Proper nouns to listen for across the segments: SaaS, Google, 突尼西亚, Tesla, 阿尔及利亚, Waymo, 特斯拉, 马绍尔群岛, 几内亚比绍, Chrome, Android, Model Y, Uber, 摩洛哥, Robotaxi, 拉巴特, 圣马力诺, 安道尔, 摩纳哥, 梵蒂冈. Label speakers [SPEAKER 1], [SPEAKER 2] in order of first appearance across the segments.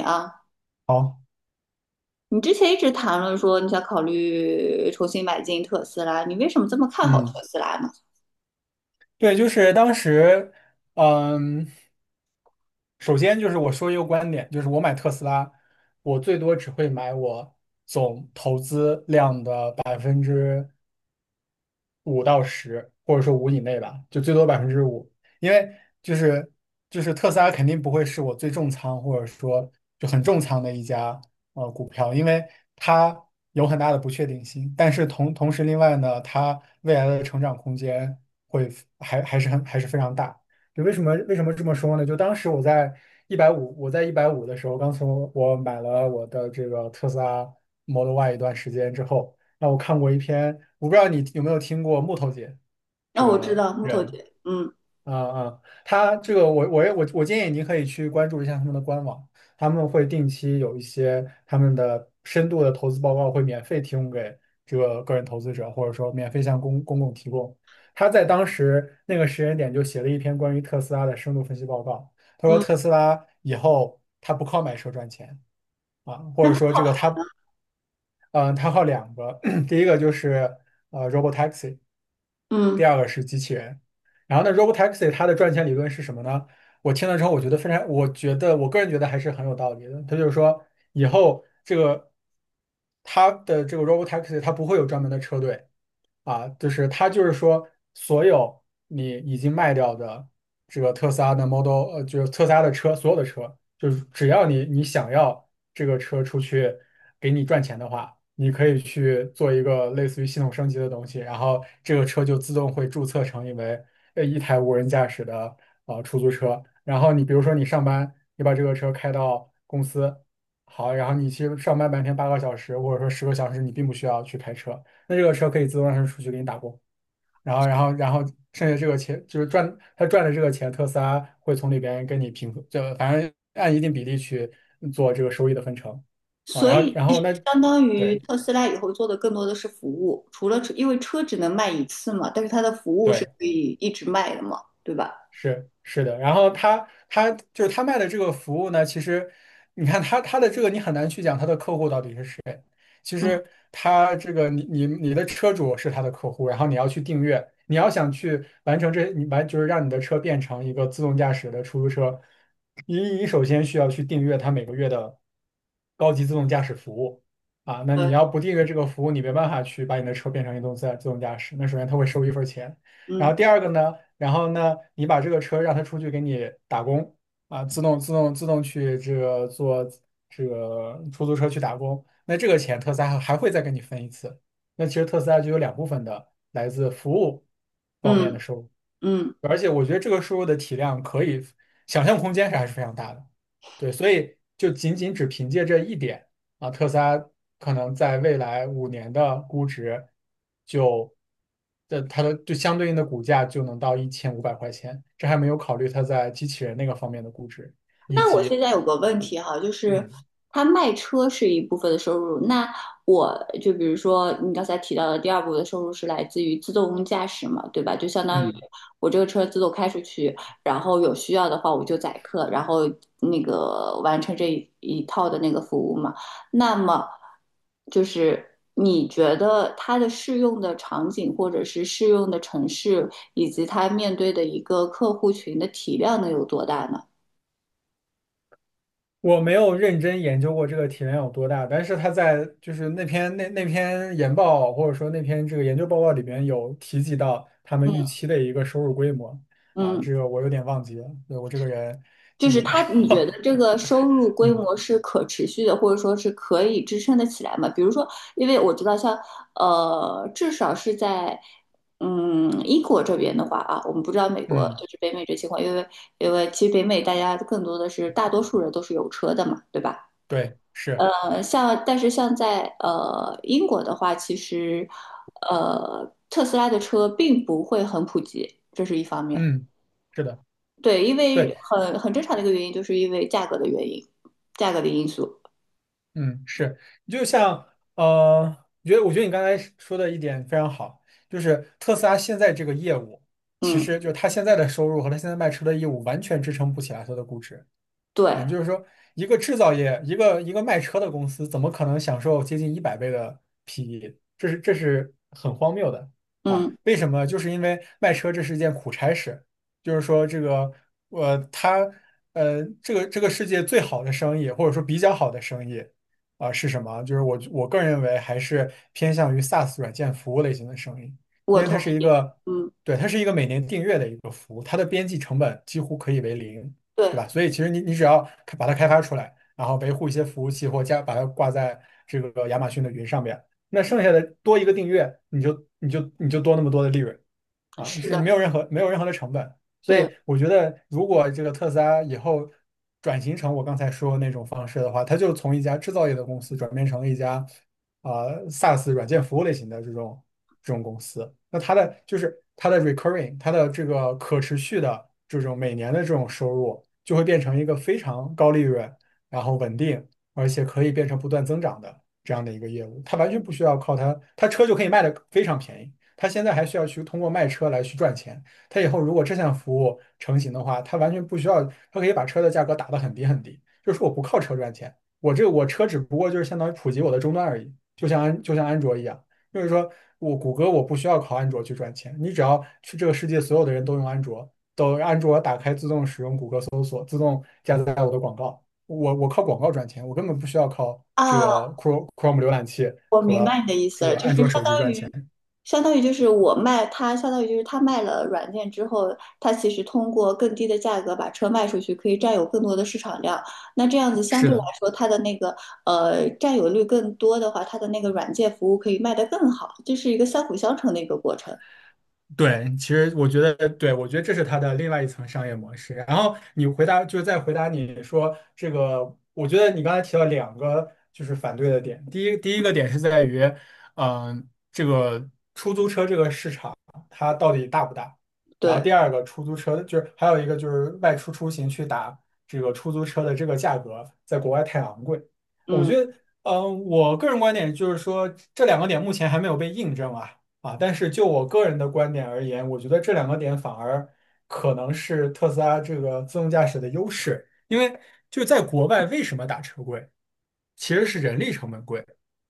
[SPEAKER 1] 啊，
[SPEAKER 2] 好，
[SPEAKER 1] 你之前一直谈论说你想考虑重新买进特斯拉，你为什么这么看好特
[SPEAKER 2] 嗯，
[SPEAKER 1] 斯拉呢？
[SPEAKER 2] 对，就是当时，嗯，首先就是我说一个观点，就是我买特斯拉，我最多只会买我总投资量的5%到10%，或者说五以内吧，就最多百分之五，因为就是就是特斯拉肯定不会是我最重仓或者说就很重仓的一家股票，因为它有很大的不确定性。但是同时，另外呢，它未来的成长空间会还是非常大。就为什么这么说呢？就当时我在一百五，我在一百五的时候，刚从我买了我的这个特斯拉 Model Y 一段时间之后，那我看过一篇，我不知道你有没有听过木头姐这
[SPEAKER 1] 那我知
[SPEAKER 2] 个
[SPEAKER 1] 道木头
[SPEAKER 2] 人，
[SPEAKER 1] 姐，嗯
[SPEAKER 2] 啊，他这个我也我建议你可以去关注一下他们的官网，他们会定期有一些他们的深度的投资报告会免费提供给这个个人投资者，或者说免费向公共提供。他在当时那个时间点就写了一篇关于特斯拉的深度分析报告，他说
[SPEAKER 1] 嗯
[SPEAKER 2] 特斯拉以后他不靠买车赚钱啊，或者说这个他他靠两个，第一个就是Robotaxi。
[SPEAKER 1] 嗯，
[SPEAKER 2] 第二个是机器人。然后呢，Robotaxi 它的赚钱理论是什么呢？我听了之后，我觉得非常，我觉得我个人觉得还是很有道理的。它就是说，以后这个它的这个 Robotaxi 它不会有专门的车队，啊，就是它就是说，所有你已经卖掉的这个特斯拉的 Model，就是特斯拉的车，所有的车，就是只要你想要这个车出去给你赚钱的话，你可以去做一个类似于系统升级的东西，然后这个车就自动会注册成一为一台无人驾驶的出租车。然后你比如说你上班，你把这个车开到公司，好，然后你其实上班白天8个小时或者说10个小时，你并不需要去开车。那这个车可以自动让它出去给你打工，然后剩下这个钱就是赚，他赚的这个钱，特斯拉会从里边跟你平分，就反正按一定比例去做这个收益的分成啊。
[SPEAKER 1] 所
[SPEAKER 2] 然后，
[SPEAKER 1] 以
[SPEAKER 2] 然
[SPEAKER 1] 其实
[SPEAKER 2] 后那
[SPEAKER 1] 相当于
[SPEAKER 2] 对
[SPEAKER 1] 特斯拉以后做的更多的是服务，除了车，因为车只能卖一次嘛，但是它的服务是
[SPEAKER 2] 对，
[SPEAKER 1] 可以一直卖的嘛，对吧？
[SPEAKER 2] 是是的，然后他就是他卖的这个服务呢，其实你看他的这个你很难去讲他的客户到底是谁。其
[SPEAKER 1] 嗯，
[SPEAKER 2] 实他这个你的车主是他的客户，然后你要去订阅，你要想去完成这你完就是让你的车变成一个自动驾驶的出租车，你首先需要去订阅他每个月的高级自动驾驶服务啊。那你
[SPEAKER 1] 对，
[SPEAKER 2] 要不订阅这个服务，你没办法去把你的车变成一动自自动驾驶，那首先他会收一份钱。然
[SPEAKER 1] 嗯
[SPEAKER 2] 后第二个呢？然后呢，你把这个车让他出去给你打工啊，自动去这个坐这个出租车去打工，那这个钱特斯拉还会再给你分一次。那其实特斯拉就有两部分的来自服务方面的
[SPEAKER 1] 嗯
[SPEAKER 2] 收入。
[SPEAKER 1] 嗯。
[SPEAKER 2] 而且我觉得这个输入的体量可以想象空间是还是非常大的，对，所以就仅仅只凭借这一点啊，特斯拉可能在未来5年的估值就的它的就相对应的股价就能到1500块钱，这还没有考虑它在机器人那个方面的估值以
[SPEAKER 1] 那我
[SPEAKER 2] 及
[SPEAKER 1] 现在有个问题哈，就是
[SPEAKER 2] 嗯
[SPEAKER 1] 他卖车是一部分的收入，那我就比如说你刚才提到的第二部分的收入是来自于自动驾驶嘛，对吧？就相当于
[SPEAKER 2] 嗯。
[SPEAKER 1] 我这个车自动开出去，然后有需要的话我就载客，然后那个完成这一套的那个服务嘛。那么就是你觉得它的适用的场景或者是适用的城市，以及它面对的一个客户群的体量能有多大呢？
[SPEAKER 2] 我没有认真研究过这个体量有多大，但是他在就是那篇研报或者说那篇这个研究报告里边有提及到他们预
[SPEAKER 1] 嗯
[SPEAKER 2] 期的一个收入规模啊，
[SPEAKER 1] 嗯。
[SPEAKER 2] 这个我有点忘记了，对，我这个人
[SPEAKER 1] 就
[SPEAKER 2] 记
[SPEAKER 1] 是
[SPEAKER 2] 性不太
[SPEAKER 1] 他，你觉得
[SPEAKER 2] 好。
[SPEAKER 1] 这个收入 规
[SPEAKER 2] 嗯
[SPEAKER 1] 模是可持续的，或者说是可以支撑得起来吗？比如说，因为我知道像至少是在英国这边的话啊，我们不知道美国
[SPEAKER 2] 嗯，
[SPEAKER 1] 就是北美这情况，因为其实北美大家更多的是大多数人都是有车的嘛，对吧？
[SPEAKER 2] 对，是，
[SPEAKER 1] 像但是像在英国的话，其实特斯拉的车并不会很普及，这是一方面。
[SPEAKER 2] 嗯，是的，
[SPEAKER 1] 对，因为
[SPEAKER 2] 对，
[SPEAKER 1] 很正常的一个原因，就是因为价格的原因，价格的因素。
[SPEAKER 2] 嗯，是，就像我觉得你刚才说的一点非常好，就是特斯拉现在这个业务，其
[SPEAKER 1] 嗯，
[SPEAKER 2] 实就是它现在的收入和它现在卖车的业务完全支撑不起来它的估值。
[SPEAKER 1] 对，
[SPEAKER 2] 啊，就是说，一个制造业，一个卖车的公司，怎么可能享受接近100倍的 PE？这是很荒谬的啊！
[SPEAKER 1] 嗯，
[SPEAKER 2] 为什么？就是因为卖车这是一件苦差事，就是说这个，它，这个世界最好的生意，或者说比较好的生意，啊、是什么？就是我个人认为还是偏向于 SaaS 软件服务类型的生意，因
[SPEAKER 1] 我
[SPEAKER 2] 为
[SPEAKER 1] 同
[SPEAKER 2] 它是一
[SPEAKER 1] 意。
[SPEAKER 2] 个，
[SPEAKER 1] 嗯，
[SPEAKER 2] 对，它是一个每年订阅的一个服务，它的边际成本几乎可以为零。
[SPEAKER 1] 对，
[SPEAKER 2] 对吧？所以其实你只要开把它开发出来，然后维护一些服务器或加把它挂在这个亚马逊的云上面，那剩下的多一个订阅，你就多那么多的利润。啊，
[SPEAKER 1] 是
[SPEAKER 2] 是没
[SPEAKER 1] 的，
[SPEAKER 2] 有任何没有任何的成本，所以
[SPEAKER 1] 对
[SPEAKER 2] 我觉得，如果这个特斯拉以后转型成我刚才说的那种方式的话，它就从一家制造业的公司转变成了一家啊、SaaS 软件服务类型的这种公司，那它的就是它的 recurring，它的这个可持续的这种每年的这种收入，就会变成一个非常高利润，然后稳定，而且可以变成不断增长的这样的一个业务，它完全不需要靠它，它车就可以卖的非常便宜。他现在还需要去通过卖车来去赚钱。他以后如果这项服务成型的话，他完全不需要，他可以把车的价格打得很低很低，就是我不靠车赚钱，我这我车只不过就是相当于普及我的终端而已，就像安卓一样，就是说我谷歌我不需要靠安卓去赚钱，你只要去这个世界所有的人都用安卓，都安卓打开自动使用谷歌搜索，自动加载我的广告，我靠广告赚钱，我根本不需要靠这个
[SPEAKER 1] 啊
[SPEAKER 2] Chrome 浏览器和这
[SPEAKER 1] ，sir，
[SPEAKER 2] 个
[SPEAKER 1] 就
[SPEAKER 2] 安
[SPEAKER 1] 是
[SPEAKER 2] 卓
[SPEAKER 1] 相
[SPEAKER 2] 手机赚钱。
[SPEAKER 1] 相当于就是我卖他，相当于就是他卖了软件之后，他其实通过更低的价格把车卖出去，可以占有更多的市场量。那这样子相
[SPEAKER 2] 是
[SPEAKER 1] 对来
[SPEAKER 2] 的。
[SPEAKER 1] 说，它的那个占有率更多的话，它的那个软件服务可以卖得更好，这是一个相辅相成的一个过程。
[SPEAKER 2] 对，其实我觉得，对，我觉得这是它的另外一层商业模式。然后你回答，就是再回答你说这个，我觉得你刚才提到两个就是反对的点。第一，第一个点是在于，这个出租车这个市场它到底大不大？然后
[SPEAKER 1] 对，
[SPEAKER 2] 第二个，出租车就是还有一个就是外出出行去打这个出租车的这个价格，在国外太昂贵。我
[SPEAKER 1] 嗯。
[SPEAKER 2] 觉得，我个人观点就是说，这两个点目前还没有被印证啊。啊，但是就我个人的观点而言，我觉得这两个点反而可能是特斯拉这个自动驾驶的优势，因为就在国外为什么打车贵，其实是人力成本贵，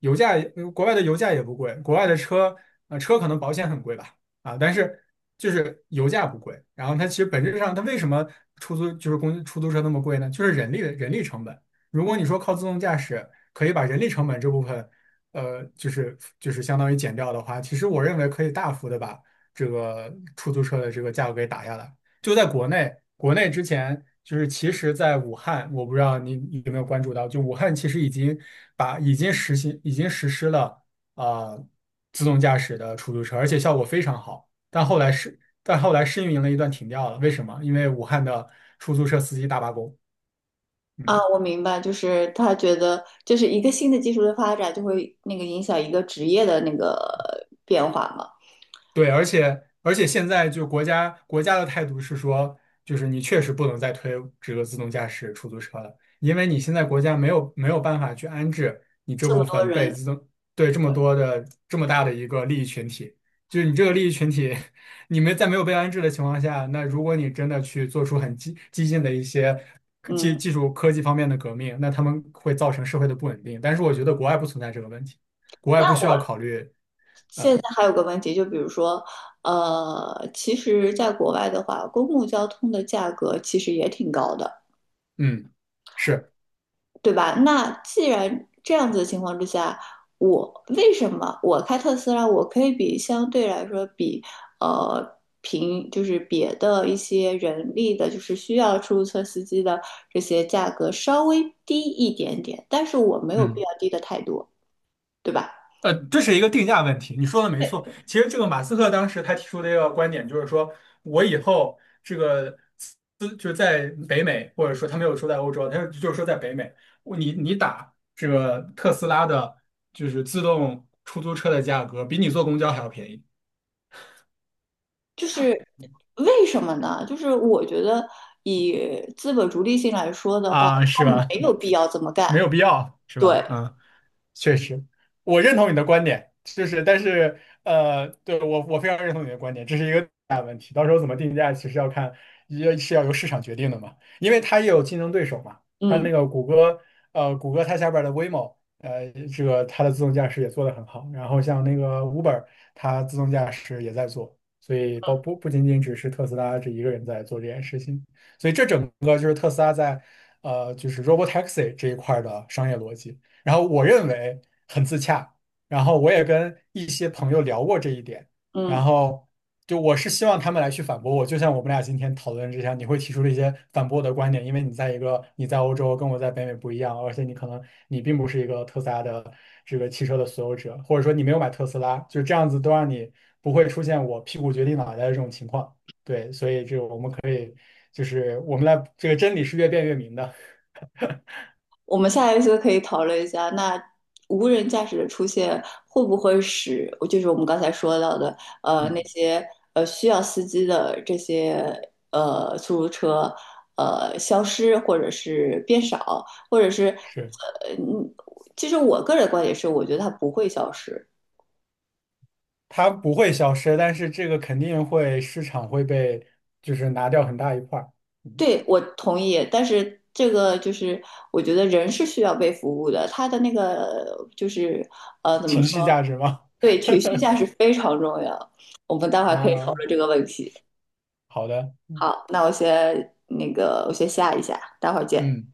[SPEAKER 2] 油价也国外的油价也不贵，国外的车车可能保险很贵吧，啊，但是就是油价不贵，然后它其实本质上它为什么出租就是公出租车那么贵呢？就是人力成本。如果你说靠自动驾驶可以把人力成本这部分就是相当于减掉的话，其实我认为可以大幅的把这个出租车的这个价格给打下来。就在国内，国内之前就是其实，在武汉，我不知道你有没有关注到，就武汉其实已经把已经实行已经实施了啊、呃自动驾驶的出租车，而且效果非常好。但后来试运营了一段停掉了，为什么？因为武汉的出租车司机大罢工。
[SPEAKER 1] 啊，
[SPEAKER 2] 嗯。
[SPEAKER 1] 我明白，就是他觉得，就是一个新的技术的发展，就会那个影响一个职业的那个变化嘛。
[SPEAKER 2] 对，而且现在就国家的态度是说，就是你确实不能再推这个自动驾驶出租车了，因为你现在国家没有办法去安置你这
[SPEAKER 1] 这么
[SPEAKER 2] 部
[SPEAKER 1] 多
[SPEAKER 2] 分被
[SPEAKER 1] 人，
[SPEAKER 2] 自动对这么多的这么大的一个利益群体，就是你这个利益群体，你们在没有被安置的情况下，那如果你真的去做出很激进的一些技
[SPEAKER 1] 嗯，
[SPEAKER 2] 技术科技方面的革命，那他们会造成社会的不稳定。但是我觉得国外不存在这个问题，国外
[SPEAKER 1] 那
[SPEAKER 2] 不需要
[SPEAKER 1] 我
[SPEAKER 2] 考虑。
[SPEAKER 1] 现
[SPEAKER 2] 呃，
[SPEAKER 1] 在还有个问题，就比如说，其实在国外的话，公共交通的价格其实也挺高的。
[SPEAKER 2] 嗯。是。
[SPEAKER 1] 对吧？那既然这样子的情况之下，我为什么我开特斯拉，我可以比相对来说比就是别的一些人力的，就是需要出租车司机的这些价格稍微低一点点，但是我没有必
[SPEAKER 2] 嗯。
[SPEAKER 1] 要低的太多，对吧？
[SPEAKER 2] 这是一个定价问题，你说的没错。其实这个马斯克当时他提出的一个观点就是说，我以后这个资就是在北美，或者说他没有说在欧洲，他就是说在北美，我你打这个特斯拉的，就是自动出租车的价格，比你坐公交还要便宜。
[SPEAKER 1] 就是为什么呢？就是我觉得以资本逐利性来说的话，
[SPEAKER 2] 啊，
[SPEAKER 1] 他
[SPEAKER 2] 是吧？
[SPEAKER 1] 没有 必要这么干。
[SPEAKER 2] 没有必要，是
[SPEAKER 1] 对，
[SPEAKER 2] 吧？嗯。确实，我认同你的观点，就是但是对，我非常认同你的观点，这是一个大问题。到时候怎么定价，其实要看也是要由市场决定的嘛，因为它也有竞争对手嘛。它那
[SPEAKER 1] 嗯
[SPEAKER 2] 个谷歌，谷歌它下边儿的 Waymo，这个它的自动驾驶也做得很好。然后像那个 Uber，它自动驾驶也在做，所以包不仅仅只是特斯拉这一个人在做这件事情。所以这整个就是特斯拉在就是 Robotaxi 这一块儿的商业逻辑。然后我认为很自洽，然后我也跟一些朋友聊过这一点，
[SPEAKER 1] 嗯。
[SPEAKER 2] 然后就我是希望他们来去反驳我，就像我们俩今天讨论之下，你会提出了一些反驳我的观点，因为你在欧洲跟我在北美不一样，而且你可能你并不是一个特斯拉的这个汽车的所有者，或者说你没有买特斯拉，就这样子都让你不会出现我屁股决定脑袋的这种情况。对，所以这个我们可以就是我们来这个真理是越辩越明的，
[SPEAKER 1] 我们下一次可以讨论一下，那无人驾驶的出现会不会使，就是我们刚才说到的，呃，那
[SPEAKER 2] 嗯，
[SPEAKER 1] 些需要司机的这些出租车，消失，或者是变少，或者是
[SPEAKER 2] 是。
[SPEAKER 1] 其实我个人观点是，我觉得它不会消失。
[SPEAKER 2] 它不会消失，但是这个肯定会市场会被就是拿掉很大一块儿
[SPEAKER 1] 对，我同意，但是这个就是我觉得人是需要被服务的，他的那个就是
[SPEAKER 2] 情绪价值嘛。
[SPEAKER 1] 对，情绪 价值非常重要。我们待会儿可以讨
[SPEAKER 2] 啊，
[SPEAKER 1] 论这个问题。
[SPEAKER 2] 好的，
[SPEAKER 1] 好，那我先那个，我先下一下，待会儿见。
[SPEAKER 2] 嗯。